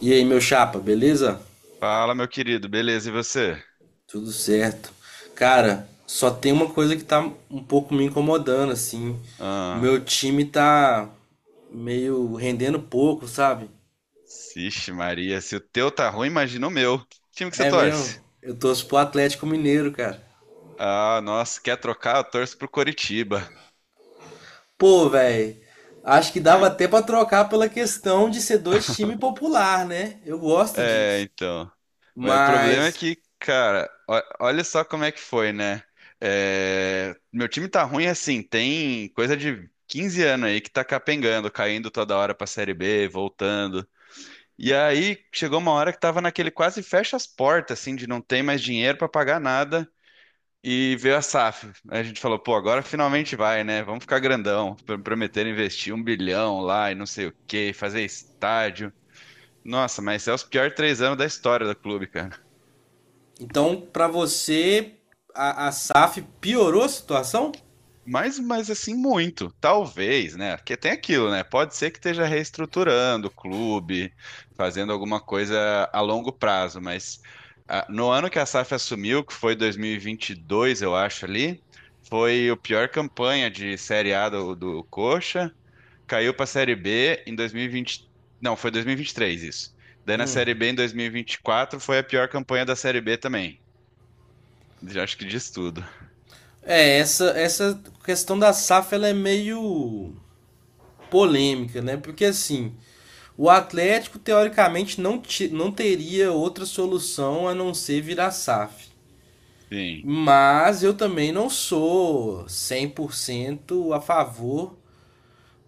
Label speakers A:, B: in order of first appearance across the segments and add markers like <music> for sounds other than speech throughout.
A: E aí, meu chapa, beleza?
B: Fala, meu querido, beleza? E você?
A: Tudo certo. Cara, só tem uma coisa que tá um pouco me incomodando, assim. O
B: Ah,
A: meu time tá meio rendendo pouco, sabe?
B: vixe Maria, se o teu tá ruim, imagina o meu. Que time que você
A: É mesmo.
B: torce?
A: Eu torço pro Atlético Mineiro, cara.
B: Ah, nossa, quer trocar? Eu torço pro Coritiba.
A: Pô, velho. Acho que dava até pra trocar pela questão de ser dois times popular, né? Eu gosto
B: É,
A: disso.
B: então. Mas o problema é
A: Mas,
B: que, cara, olha só como é que foi, né? É, meu time tá ruim assim, tem coisa de 15 anos aí que tá capengando, caindo toda hora pra Série B, voltando. E aí chegou uma hora que tava naquele quase fecha as portas, assim, de não ter mais dinheiro pra pagar nada. E veio a SAF. Aí a gente falou, pô, agora finalmente vai, né? Vamos ficar grandão. Prometeram investir 1 bilhão lá e não sei o quê, fazer estádio. Nossa, mas é os piores 3 anos da história do clube, cara.
A: então, pra você, a SAF piorou a situação?
B: Mas assim, muito. Talvez, né? Porque tem aquilo, né? Pode ser que esteja reestruturando o clube, fazendo alguma coisa a longo prazo, mas ah, no ano que a SAF assumiu, que foi dois mil e vinte e dois eu acho ali, foi a pior campanha de Série A do Coxa. Caiu pra Série B em 2020. Não, foi dois mil e vinte e três isso. Daí na
A: Hum.
B: Série B em dois mil e vinte e quatro, foi a pior campanha da Série B também. Já acho que diz tudo.
A: É, essa questão da SAF ela é meio polêmica, né? Porque assim, o Atlético teoricamente não teria outra solução a não ser virar SAF.
B: Sim.
A: Mas eu também não sou 100% a favor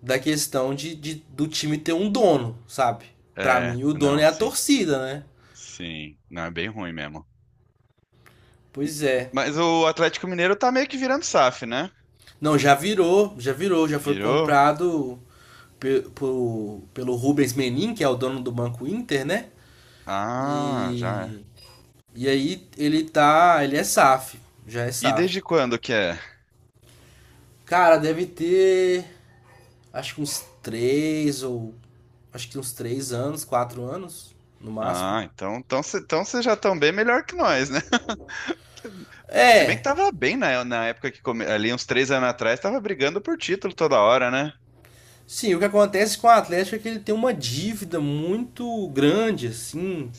A: da questão de do time ter um dono, sabe? Pra
B: É,
A: mim, o dono é
B: não,
A: a
B: sim.
A: torcida, né?
B: Sim. Não, é bem ruim mesmo.
A: Pois é.
B: Mas o Atlético Mineiro tá meio que virando SAF, né?
A: Não, já virou, já virou, já foi
B: Virou?
A: comprado pelo Rubens Menin, que é o dono do Banco Inter, né?
B: Ah, já é.
A: E, e aí ele tá, ele é SAF, já é
B: E
A: SAF.
B: desde quando que é?
A: Cara, deve ter, acho que uns três ou, acho que uns 3 anos, 4 anos, no máximo.
B: Ah, então vocês então cê já estão bem melhor que nós, né? <laughs> Se bem que
A: É,
B: tava bem na época que come... ali uns 3 anos atrás, tava brigando por título toda hora, né?
A: sim, o que acontece com o Atlético é que ele tem uma dívida muito grande, assim.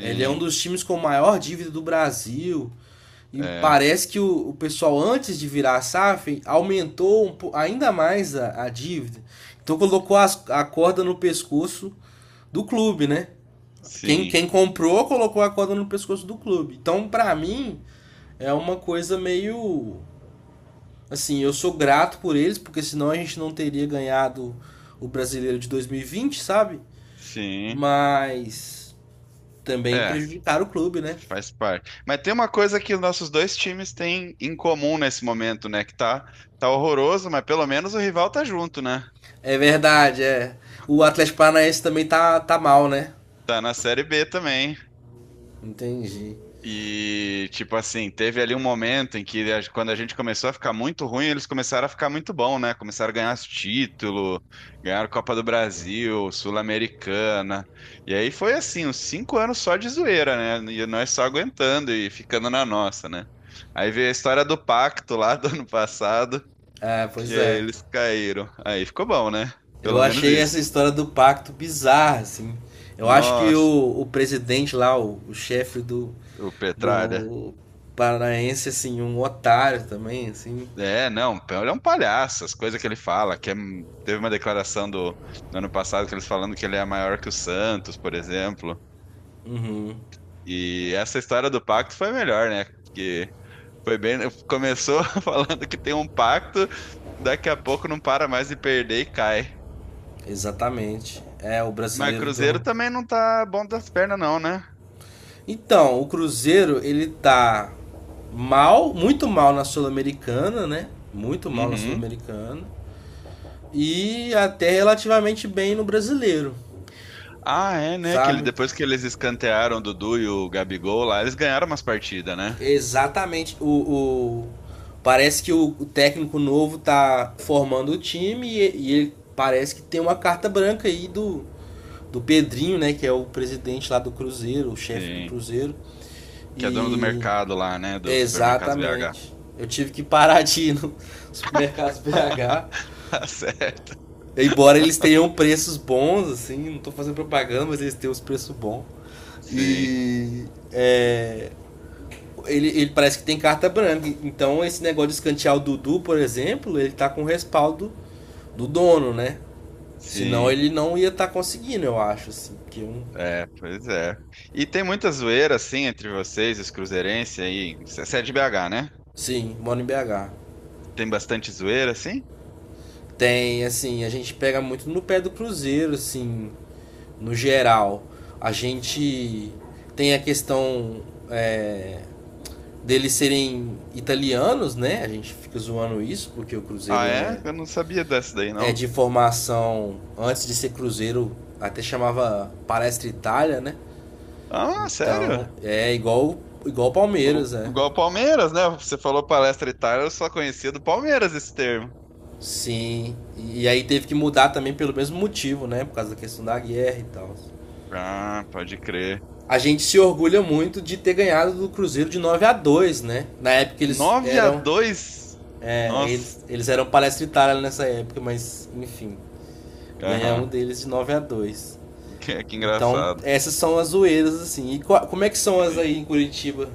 A: Ele é um dos times com maior dívida do Brasil. E
B: é,
A: parece que o pessoal, antes de virar a SAF, aumentou um ainda mais a dívida. Então colocou a corda no pescoço do clube, né? Quem,
B: sim,
A: quem comprou colocou a corda no pescoço do clube. Então, pra mim, é uma coisa meio. Assim, eu sou grato por eles, porque senão a gente não teria ganhado o brasileiro de 2020, sabe?
B: sim.
A: Mas também
B: É,
A: prejudicaram o clube, né?
B: faz parte. Mas tem uma coisa que os nossos dois times têm em comum nesse momento, né? Que tá, tá horroroso, mas pelo menos o rival tá junto, né?
A: É verdade, é. O Atlético Paranaense também tá, tá mal, né?
B: Tá na Série B também.
A: Entendi.
B: E, tipo assim, teve ali um momento em que, quando a gente começou a ficar muito ruim, eles começaram a ficar muito bom, né? Começaram a ganhar título, ganharam Copa do Brasil, Sul-Americana. E aí foi assim, uns 5 anos só de zoeira, né? E nós só aguentando e ficando na nossa, né? Aí veio a história do pacto lá do ano passado,
A: É,
B: e
A: pois
B: aí
A: é.
B: eles caíram. Aí ficou bom, né?
A: Eu
B: Pelo menos
A: achei essa
B: isso.
A: história do pacto bizarra, assim. Eu acho que
B: Nossa,
A: o presidente lá, o chefe do,
B: o Petralha.
A: do Paranaense, assim, um otário também, assim.
B: É, não, ele é um palhaço, as coisas que ele fala, teve uma declaração do, do ano passado que eles falando que ele é maior que o Santos, por exemplo.
A: Uhum,
B: E essa história do pacto foi melhor, né? Porque foi bem, começou <laughs> falando que tem um pacto, daqui a pouco não para mais de perder e cai.
A: exatamente. É, o
B: Mas o
A: brasileiro do
B: Cruzeiro
A: ano.
B: também não tá bom das pernas não, né?
A: Então, o Cruzeiro, ele tá mal, muito mal na Sul-Americana, né? Muito mal na
B: Uhum.
A: Sul-Americana. E até relativamente bem no brasileiro,
B: Ah, é, né? Que ele,
A: sabe?
B: depois que eles escantearam o Dudu e o Gabigol lá, eles ganharam umas partidas, né?
A: Exatamente. Parece que o técnico novo tá formando o time e ele parece que tem uma carta branca aí do Pedrinho, né? Que é o presidente lá do Cruzeiro, o chefe do
B: Sim.
A: Cruzeiro.
B: Que é dono do
A: E.
B: mercado lá, né? Do Supermercados BH.
A: Exatamente. Eu tive que parar de ir no <laughs> supermercado BH.
B: <laughs> Tá certo.
A: Embora eles tenham preços bons, assim, não tô fazendo propaganda, mas eles têm os preços bons.
B: Sim,
A: E. É, ele parece que tem carta branca. Então esse negócio de escantear o Dudu, por exemplo, ele tá com o respaldo do dono, né? Senão
B: sim.
A: ele não ia estar tá conseguindo, eu acho, assim. Porque um...
B: É, pois é. E tem muita zoeira, assim, entre vocês, os cruzeirenses aí. Você é de BH, né?
A: Sim, moro em BH.
B: Tem bastante zoeira, assim?
A: Tem, assim, a gente pega muito no pé do Cruzeiro, assim, no geral. A gente tem a questão é, deles serem italianos, né? A gente fica zoando isso, porque o
B: Ah,
A: Cruzeiro
B: é?
A: é
B: Eu não sabia dessa daí,
A: é
B: não.
A: de formação antes de ser Cruzeiro, até chamava Palestra Itália, né?
B: Ah,
A: Então,
B: sério?
A: é igual
B: O,
A: Palmeiras, né?
B: igual o Palmeiras, né? Você falou palestra Itália, eu só conhecia do Palmeiras esse termo.
A: Sim. E aí teve que mudar também pelo mesmo motivo, né? Por causa da questão da guerra e tal.
B: Ah, pode crer.
A: A gente se orgulha muito de ter ganhado do Cruzeiro de 9 a 2, né? Na época eles
B: nove a
A: eram
B: dois
A: é,
B: Nossa.
A: eles, eles eram Palestra Itália nessa época, mas enfim,
B: Aham.
A: ganhamos
B: <laughs>
A: deles de 9 a 2.
B: Que
A: Então,
B: engraçado.
A: essas são as zoeiras, assim. E como é que são as
B: Sim.
A: aí em Curitiba?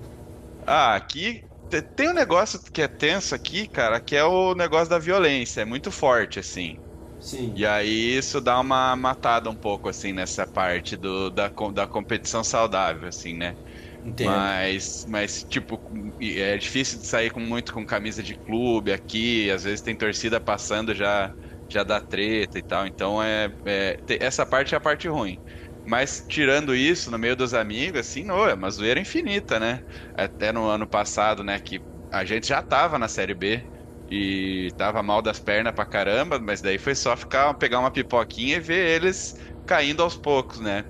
B: Ah, aqui tem um negócio que é tenso aqui, cara, que é o negócio da violência, é muito forte, assim.
A: Sim,
B: E aí isso dá uma matada um pouco, assim, nessa parte do, da, da competição saudável, assim, né?
A: entendo.
B: Mas tipo, e é difícil de sair com muito com camisa de clube aqui. Às vezes tem torcida passando, já dá treta e tal. Então essa parte é a parte ruim. Mas tirando isso, no meio dos amigos, assim, não, é uma zoeira infinita, né? Até no ano passado, né, que a gente já tava na Série B e tava mal das pernas pra caramba, mas daí foi só ficar, pegar uma pipoquinha e ver eles caindo aos poucos, né?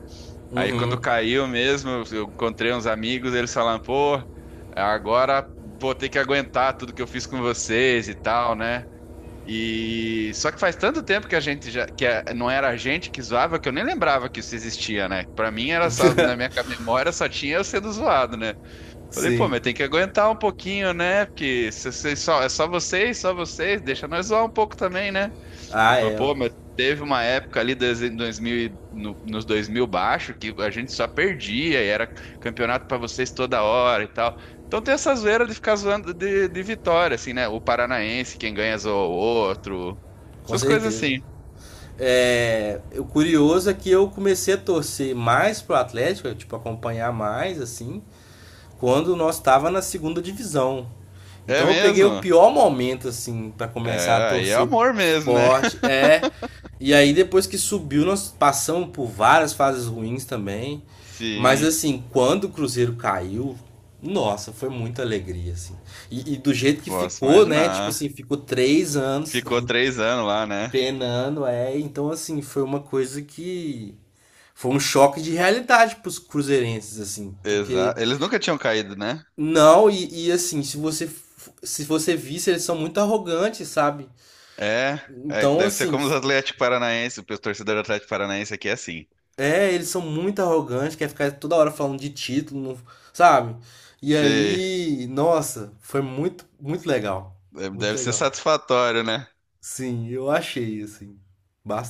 B: Aí quando
A: Uhum.
B: caiu mesmo, eu encontrei uns amigos, eles falaram, pô, agora vou ter que aguentar tudo que eu fiz com vocês e tal, né? E só que faz tanto tempo que a gente já não era a gente que zoava que eu nem lembrava que isso existia, né? Pra mim era só na minha
A: <laughs>
B: memória só tinha eu sendo zoado, né? Falei, pô,
A: Sim.
B: mas tem que aguentar um pouquinho, né? Porque só é só vocês, deixa nós zoar um pouco também, né? Ele
A: Ah,
B: falou,
A: é.
B: pô, mas teve uma época ali dos 2000 e- no, nos 2000 baixo que a gente só perdia e era campeonato pra vocês toda hora e tal. Então tem essa zoeira de ficar zoando de vitória, assim, né? O paranaense, quem ganha zoa o outro.
A: Com
B: Essas coisas
A: certeza.
B: assim.
A: É, o curioso é que eu comecei a torcer mais pro Atlético, tipo, acompanhar mais, assim, quando nós tava na segunda divisão.
B: É
A: Então eu peguei o
B: mesmo?
A: pior momento, assim, para
B: É,
A: começar a
B: aí é
A: torcer
B: amor mesmo, né?
A: forte.
B: <laughs>
A: É, e aí depois que subiu, nós passamos por várias fases ruins também. Mas
B: Sim,
A: assim, quando o Cruzeiro caiu, nossa, foi muita alegria, assim. E do jeito que
B: posso
A: ficou, né? Tipo assim,
B: imaginar.
A: ficou 3 anos
B: Ficou
A: seguidos
B: 3 anos lá, né?
A: penando, é. Então, assim, foi uma coisa que. Foi um choque de realidade pros cruzeirenses, assim. Porque.
B: Exato. Eles nunca tinham caído, né?
A: Não, e assim, se você visse, eles são muito arrogantes, sabe?
B: É, é,
A: Então,
B: deve ser
A: assim.
B: como os Atlético Paranaense, o torcedor do Atlético Paranaense aqui é assim.
A: É, eles são muito arrogantes, quer ficar toda hora falando de título, não- sabe? E
B: Sei,
A: aí, nossa, foi muito, muito legal.
B: deve
A: Muito
B: deve ser
A: legal.
B: satisfatório, né?
A: Sim, eu achei, assim,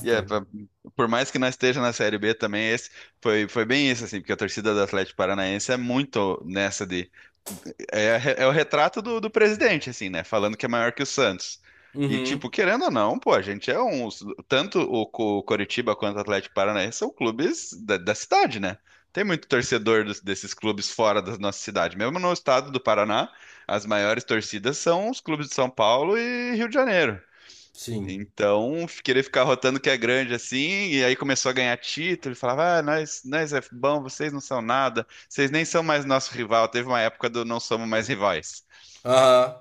B: E é, por mais que não esteja na Série B também, esse foi, foi bem isso, assim, porque a torcida do Atlético Paranaense é muito nessa de. É, é o retrato do presidente, assim, né? Falando que é maior que o Santos. E,
A: Uhum,
B: tipo, querendo ou não, pô, a gente é um. Tanto o, Coritiba quanto o Atlético Paranaense são clubes da cidade, né? Tem muito torcedor desses clubes fora da nossa cidade. Mesmo no estado do Paraná, as maiores torcidas são os clubes de São Paulo e Rio de Janeiro.
A: sim.
B: Então, querer ficar rotando que é grande assim, e aí começou a ganhar título, e falava, ah, nós é bom, vocês não são nada, vocês nem são mais nosso rival. Teve uma época do não somos mais rivais.
A: Aham,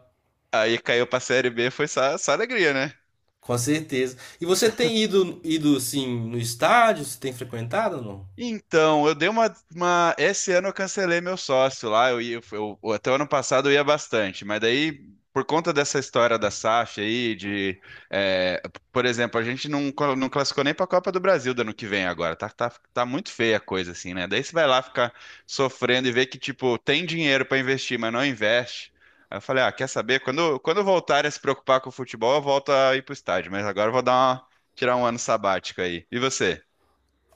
B: Aí caiu pra Série B, foi só, só alegria, né?
A: com certeza. E você tem ido, assim, no estádio? Você tem frequentado ou não?
B: Então, eu dei esse ano eu cancelei meu sócio lá. Eu ia, até o ano passado eu ia bastante, mas daí, por conta dessa história da SAF aí, de. É, por exemplo, a gente não, não classificou nem para a Copa do Brasil do ano que vem agora. Tá muito feia a coisa, assim, né? Daí você vai lá ficar sofrendo e ver que, tipo, tem dinheiro para investir, mas não investe. Aí eu falei, ah, quer saber? Quando eu voltar a se preocupar com o futebol, eu volto a ir pro estádio, mas agora eu vou dar tirar um ano sabático aí. E você?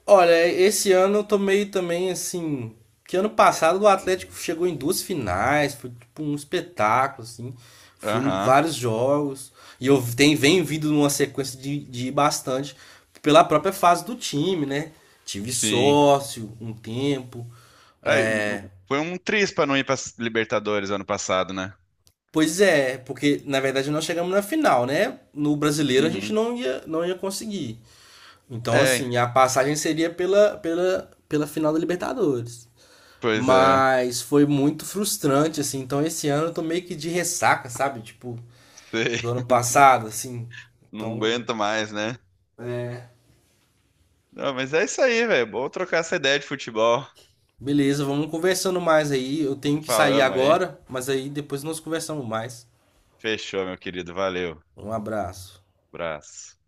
A: Olha, esse ano eu tô meio também assim. Que ano passado o Atlético chegou em duas finais, foi tipo um espetáculo, assim. Fui em
B: Aham.
A: vários jogos. E eu tenho, venho vindo numa sequência de ir bastante pela própria fase do time, né? Tive
B: Sim.
A: sócio um tempo.
B: Ai,
A: É...
B: foi um triz pra não ir pra Libertadores ano passado, né?
A: Pois é, porque na verdade nós chegamos na final, né? No brasileiro a gente
B: Uhum.
A: não ia conseguir. Então,
B: É,
A: assim, a passagem seria pela final da Libertadores.
B: pois é. <laughs>
A: Mas foi muito frustrante, assim. Então esse ano eu tô meio que de ressaca, sabe? Tipo,
B: Sei.
A: do ano passado, assim.
B: Não
A: Então,
B: aguento mais, né? Não, mas é isso aí, velho. Bom trocar essa ideia de futebol.
A: beleza, vamos conversando mais aí. Eu tenho que sair
B: Falamos aí.
A: agora, mas aí depois nós conversamos mais.
B: Fechou, meu querido. Valeu.
A: Um abraço.
B: Abraço.